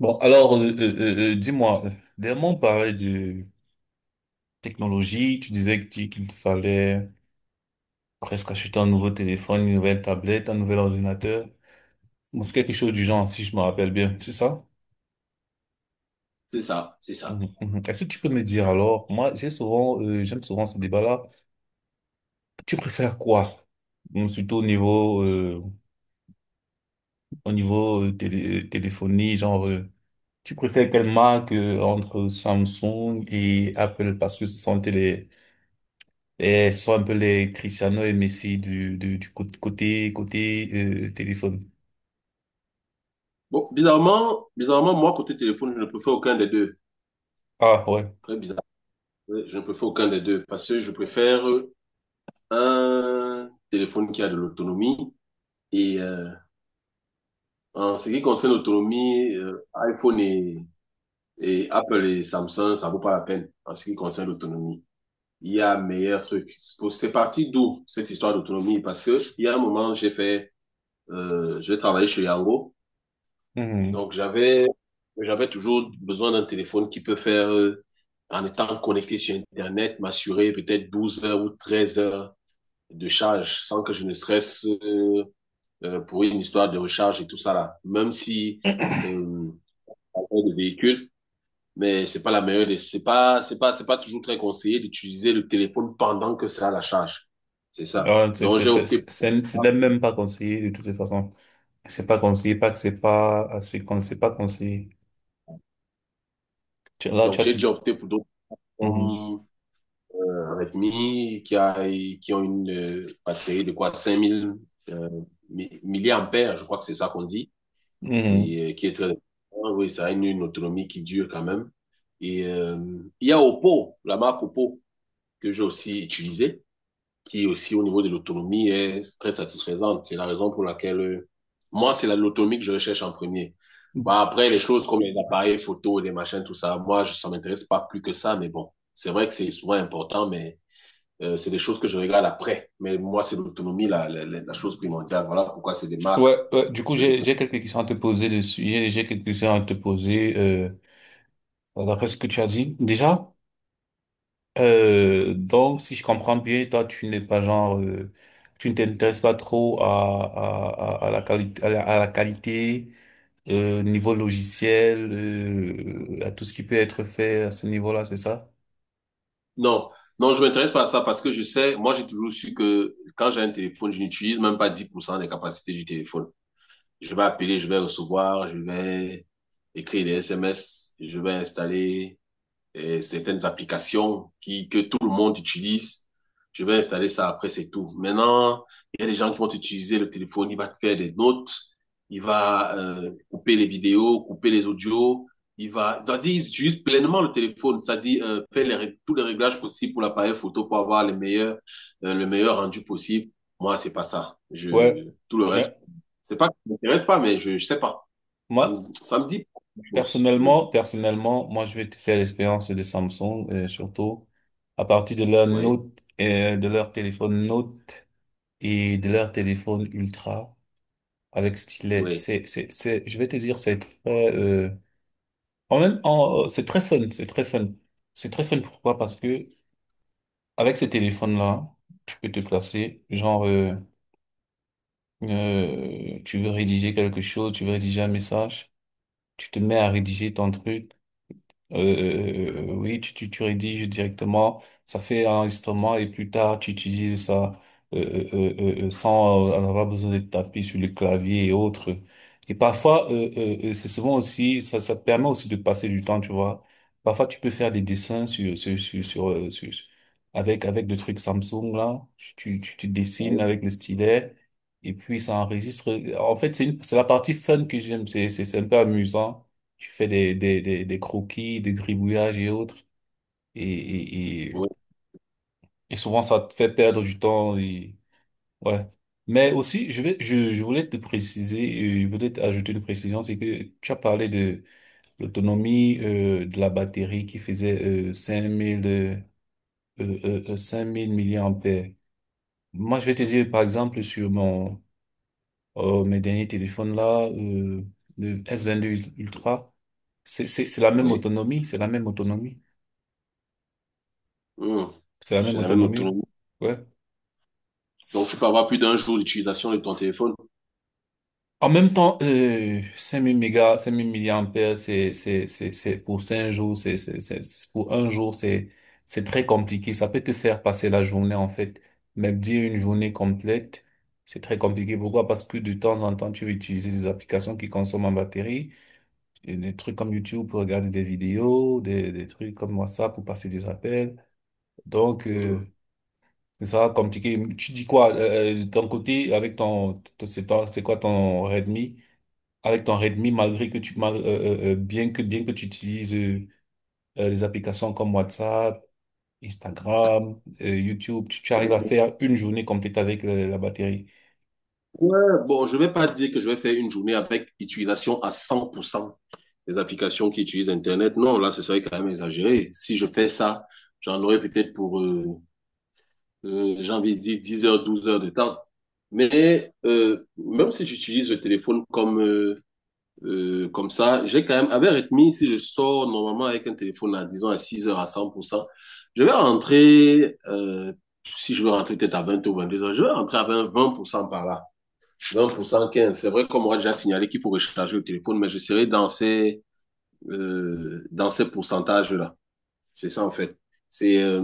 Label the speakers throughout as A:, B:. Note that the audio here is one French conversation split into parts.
A: Bon, alors, euh, euh, euh, euh, dis-moi, euh, Dernièrement, on parlait de technologie. Tu disais que qu'il te fallait presque acheter un nouveau téléphone, une nouvelle tablette, un nouvel ordinateur, ou quelque chose du genre, si je me rappelle bien, c'est ça?
B: C'est ça, c'est ça.
A: Mhm, mhm. Est-ce que tu peux me dire alors? Moi, j'ai souvent, j'aime souvent ce débat-là. Tu préfères quoi? Bon, surtout au niveau téléphonie, genre, tu préfères quelle marque entre Samsung et Apple, parce que ce sont les Et ce sont un peu les Cristiano et Messi du côté, téléphone.
B: Bon, bizarrement, bizarrement, moi, côté téléphone, je ne préfère aucun des deux.
A: Ah, ouais.
B: Très bizarre. Ouais, je ne préfère aucun des deux parce que je préfère un téléphone qui a de l'autonomie. Et en ce qui concerne l'autonomie, iPhone et Apple et Samsung, ça vaut pas la peine en ce qui concerne l'autonomie. Il y a meilleur truc. C'est parti d'où cette histoire d'autonomie? Parce que il y a un moment, j'ai fait je travaillais chez Yango.
A: Mhm.
B: Donc, j'avais toujours besoin d'un téléphone qui peut faire, en étant connecté sur Internet, m'assurer peut-être 12 heures ou 13 heures de charge sans que je ne stresse pour une histoire de recharge et tout ça là. Même si euh, on a des véhicules, mais c'est pas la meilleure des, c'est pas toujours très conseillé d'utiliser le téléphone pendant que c'est à la charge. C'est ça.
A: Ah, c'est,
B: Donc,
A: c'est,
B: j'ai
A: c'est,
B: opté
A: c'est, c'est c'est
B: pour,
A: même pas conseillé de toutes les façons. C'est pas conseillé, pas que c'est pas, c'est quand c'est pas conseillé. Là, tu
B: donc
A: as
B: j'ai
A: tout.
B: dû opter pour d'autres
A: Mhm.
B: rythmie qui ont une batterie de quoi 5000 euh, milliampères, je crois que c'est ça qu'on dit,
A: Mhm.
B: et qui est très important. Oui, ça a une autonomie qui dure quand même. Et il y a Oppo, la marque Oppo, que j'ai aussi utilisée, qui aussi au niveau de l'autonomie est très satisfaisante. C'est la raison pour laquelle moi, c'est l'autonomie que je recherche en premier. Bon, après, les choses comme les appareils photo, les machins, tout ça, moi, ça ne m'intéresse pas plus que ça, mais bon, c'est vrai que c'est souvent important, mais c'est des choses que je regarde après. Mais moi, c'est l'autonomie, chose primordiale. Voilà pourquoi c'est des marques
A: Ouais, ouais, du coup,
B: que je...
A: j'ai quelques questions à te poser dessus. J'ai quelques questions à te poser, d'après ce que tu as dit. Déjà? Donc, si je comprends bien, toi, tu n'es pas genre, tu ne t'intéresses pas trop à la qualité, à la qualité, niveau logiciel, à tout ce qui peut être fait à ce niveau-là, c'est ça?
B: Non, non, je ne m'intéresse pas à ça parce que je sais, moi, j'ai toujours su que quand j'ai un téléphone, je n'utilise même pas 10% des capacités du téléphone. Je vais appeler, je vais recevoir, je vais écrire des SMS, je vais installer et certaines applications que tout le monde utilise. Je vais installer ça après, c'est tout. Maintenant, il y a des gens qui vont utiliser le téléphone, il va te faire des notes, il va couper les vidéos, couper les audios, il va, ça dit, ils utilisent pleinement le téléphone, ça dit, faire tous les réglages possibles pour l'appareil photo pour avoir le meilleur rendu possible. Moi, c'est pas ça.
A: Ouais.
B: Tout le reste,
A: Bien.
B: c'est pas que ça m'intéresse pas, mais je sais pas. Ça
A: Moi,
B: me, ça me dit quelque chose. Oui,
A: personnellement, moi, je vais te faire l'expérience de Samsung, surtout à partir de leur
B: oui,
A: Note, de leur téléphone Note et de leur téléphone Ultra avec stylet.
B: oui.
A: Je vais te dire, c'est très, euh. C'est très fun, c'est très fun. C'est très fun pourquoi? Parce que avec ces téléphones là tu peux te placer. Tu veux rédiger quelque chose, tu veux rédiger un message, tu te mets à rédiger ton truc. Oui, tu rédiges directement, ça fait un enregistrement et plus tard tu utilises ça euh, sans en avoir besoin de taper sur le clavier et autres. Et parfois, c'est souvent aussi, ça te permet aussi de passer du temps, tu vois. Parfois, tu peux faire des dessins sur, avec, avec le truc Samsung, là. Tu dessines avec le stylet et puis ça enregistre. En fait, c'est une, c'est la partie fun que j'aime, c'est un peu amusant. Tu fais des croquis, des gribouillages et autres. Et, et, et,
B: Oui.
A: et souvent, ça te fait perdre du temps. Et ouais. Mais aussi, je voulais te préciser, je voulais ajouter une précision, c'est que tu as parlé de l'autonomie de la batterie qui faisait 5000 5000 milliampères. Moi, je vais te dire, par exemple, sur mes derniers téléphones là, le S22 Ultra, c'est la même
B: Oui,
A: autonomie, c'est la même autonomie.
B: Mmh.
A: C'est la
B: C'est
A: même
B: la même
A: autonomie.
B: autonomie.
A: Ouais.
B: Donc, tu peux avoir plus d'un jour d'utilisation de ton téléphone.
A: En même temps, 5000 mégas, 5000 milliampères, c'est pour cinq jours, c'est pour un jour, c'est très compliqué. Ça peut te faire passer la journée, en fait. Même dire une journée complète, c'est très compliqué. Pourquoi? Parce que de temps en temps, tu vas utiliser des applications qui consomment en batterie, et des trucs comme YouTube pour regarder des vidéos, des trucs comme WhatsApp pour passer des appels. Donc,
B: Mhm.
A: euh. Ça sera compliqué. Tu dis quoi, ton côté, avec c'est quoi ton Redmi? Avec ton Redmi, malgré que tu, mal- bien que tu utilises, les applications comme WhatsApp, Instagram, YouTube, tu arrives à faire une journée complète avec la batterie.
B: Ouais, bon, je ne vais pas dire que je vais faire une journée avec utilisation à 100% des applications qui utilisent Internet. Non, là, ce serait quand même exagéré. Si je fais ça, j'en aurais peut-être pour, j'ai envie de dire, 10 heures, 12 heures de temps. Mais même si j'utilise le téléphone comme ça, j'ai quand même, avec Redmi, si je sors normalement avec un téléphone à, disons, à 6 heures, à 100%, je vais rentrer, si je veux rentrer peut-être à 20 ou 22 heures, je vais rentrer à 20, 20% par là. 20%, 15%. C'est vrai qu'on m'aura déjà signalé qu'il faut recharger le téléphone, mais je serai dans ces pourcentages-là. C'est ça, en fait. C'est, euh,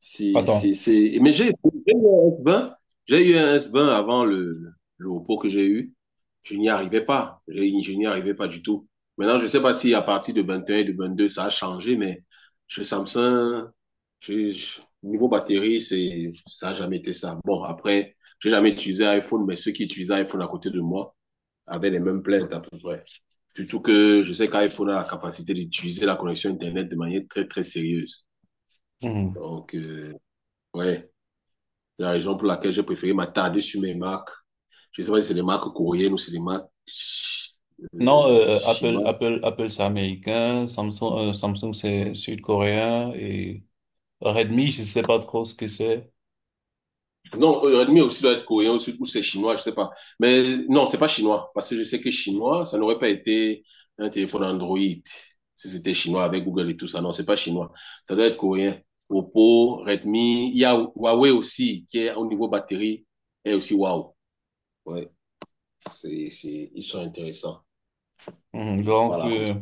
B: c'est,
A: Attends.
B: c'est... Mais j'ai eu un S20. J'ai eu un S20 avant le repos que j'ai eu. Je n'y arrivais pas. Je n'y arrivais pas du tout. Maintenant, je ne sais pas si à partir de 21 et un et de 22, ça a changé, mais chez Samsung, niveau batterie, ça n'a jamais été ça. Bon, après, j'ai jamais utilisé iPhone, mais ceux qui utilisaient iPhone à côté de moi avaient les mêmes plaintes à peu près. Surtout que je sais qu'iPhone a la capacité d'utiliser la connexion Internet de manière très, très sérieuse.
A: Mhm.
B: Donc, ouais. C'est la raison pour laquelle j'ai préféré m'attarder sur mes marques. Je ne sais pas si c'est des marques coréennes ou c'est des marques
A: Non, Apple,
B: chinoises.
A: C'est américain, Samsung, c'est sud-coréen et Redmi, je sais pas trop ce que c'est.
B: Non, Redmi aussi doit être coréen ou c'est chinois, je ne sais pas. Mais non, c'est pas chinois, parce que je sais que chinois, ça n'aurait pas été un téléphone Android si c'était chinois avec Google et tout ça. Non, c'est pas chinois. Ça doit être coréen. Oppo, Redmi, il y a Huawei aussi, qui est au niveau batterie, et aussi wow. Ouais, ils sont intéressants.
A: Mhm. Donc,
B: Voilà, comme ça.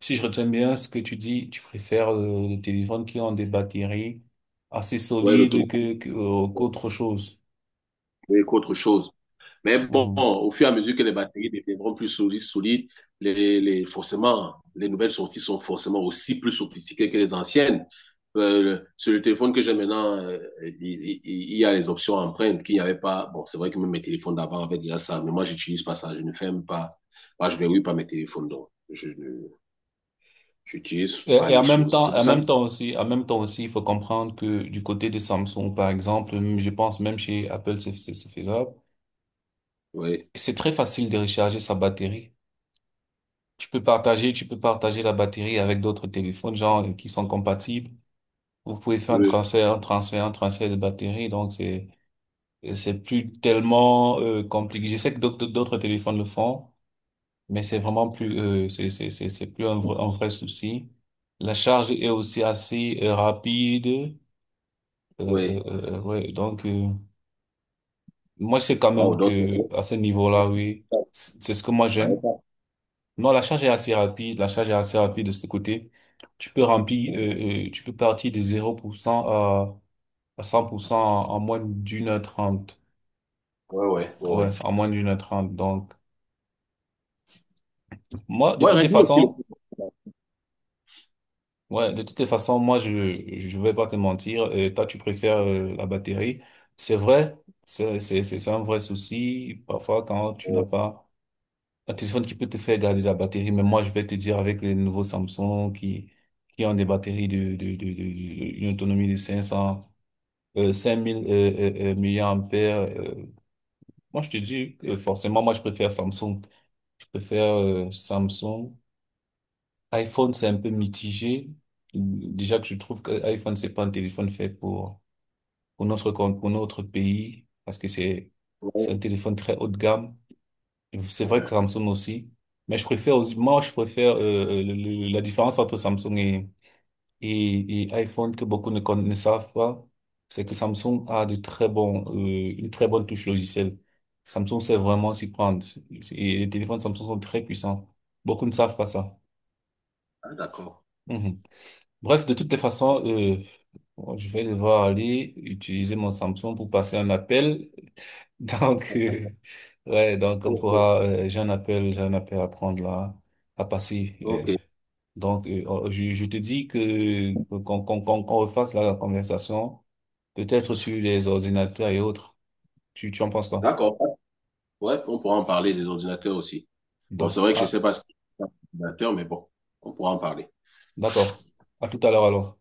A: si je retiens bien ce que tu dis, tu préfères les téléphones qui ont des batteries assez
B: Ouais,
A: solides
B: l'autonomie,
A: qu'autre chose.
B: c'est autre chose. Mais bon,
A: Mhm.
B: au fur et à mesure que les batteries deviendront plus solides, forcément, les nouvelles sorties sont forcément aussi plus sophistiquées que les anciennes. Sur le téléphone que j'ai maintenant, il y a les options empreintes qu'il n'y avait pas. Bon, c'est vrai que même mes téléphones d'avant avaient déjà ça, mais moi, j'utilise pas ça. Je ne ferme pas. Moi, je verrouille pas mes téléphones, donc je ne j'utilise pas
A: Et en
B: les
A: même
B: choses. C'est
A: temps,
B: pour ça que.
A: en même temps aussi, il faut comprendre que du côté de Samsung, par exemple, je pense même chez Apple, c'est faisable.
B: Oui,
A: C'est très facile de recharger sa batterie. Tu peux partager la batterie avec d'autres téléphones, genre qui sont compatibles. Vous pouvez faire
B: oui,
A: un transfert de batterie, donc c'est euh. C'est plus tellement compliqué. Je sais que d'autres téléphones le font, mais c'est vraiment plus c'est plus un vrai souci. La charge est aussi assez rapide.
B: oui.
A: Ouais, donc moi c'est quand
B: Wow,
A: même
B: donc,
A: que à ce niveau-là, oui, c'est ce que moi
B: ça va
A: j'aime.
B: pas.
A: Non, la charge est assez rapide. La charge est assez rapide de ce côté. Tu peux remplir, tu peux partir de zéro pour cent à 100% en moins d'une heure trente.
B: Ouais, ouais, ouais.
A: Ouais, en moins d'une heure trente. Donc moi, de
B: Ouais,
A: toutes les
B: réduire aussi
A: façons, ouais, de toutes les façons, moi, je vais pas te mentir. Euh, toi, tu préfères la batterie. C'est vrai, c'est un vrai souci. Parfois, quand tu n'as
B: le.
A: pas un téléphone qui peut te faire garder la batterie, mais moi, je vais te dire avec les nouveaux Samsung qui ont des batteries une autonomie de 500, 5000 milliampères. Euh, moi, je te dis, forcément, moi, je préfère Samsung. Je préfère Samsung. iPhone, c'est un peu mitigé. Déjà que je trouve que iPhone, c'est pas un téléphone fait pour, pour notre pays, parce que c'est
B: Ouais,
A: un téléphone très haut de gamme. C'est vrai que
B: ouais.
A: Samsung aussi. Mais je préfère aussi, moi, je préfère, la différence entre Samsung et, et iPhone que beaucoup ne savent pas, c'est que Samsung a de très bons, une très bonne touche logicielle. Samsung sait vraiment s'y prendre. Et les téléphones Samsung sont très puissants. Beaucoup ne savent pas ça.
B: Ah, d'accord.
A: Mhm. Bref, de toutes les façons, bon, je vais devoir aller utiliser mon Samsung pour passer un appel. Donc, ouais, donc on
B: Oh, oh.
A: pourra, j'ai un appel à prendre là, à passer. Euh,
B: Ok,
A: donc, oh, je te dis que qu'on refasse la conversation, peut-être sur les ordinateurs et autres. Tu en penses quoi?
B: d'accord. Ouais, on pourra en parler des ordinateurs aussi. Bon, c'est
A: Donc,
B: vrai que je
A: ah,
B: sais pas ce qu'il y a mais bon, on pourra en parler.
A: d'accord. À tout à l'heure alors.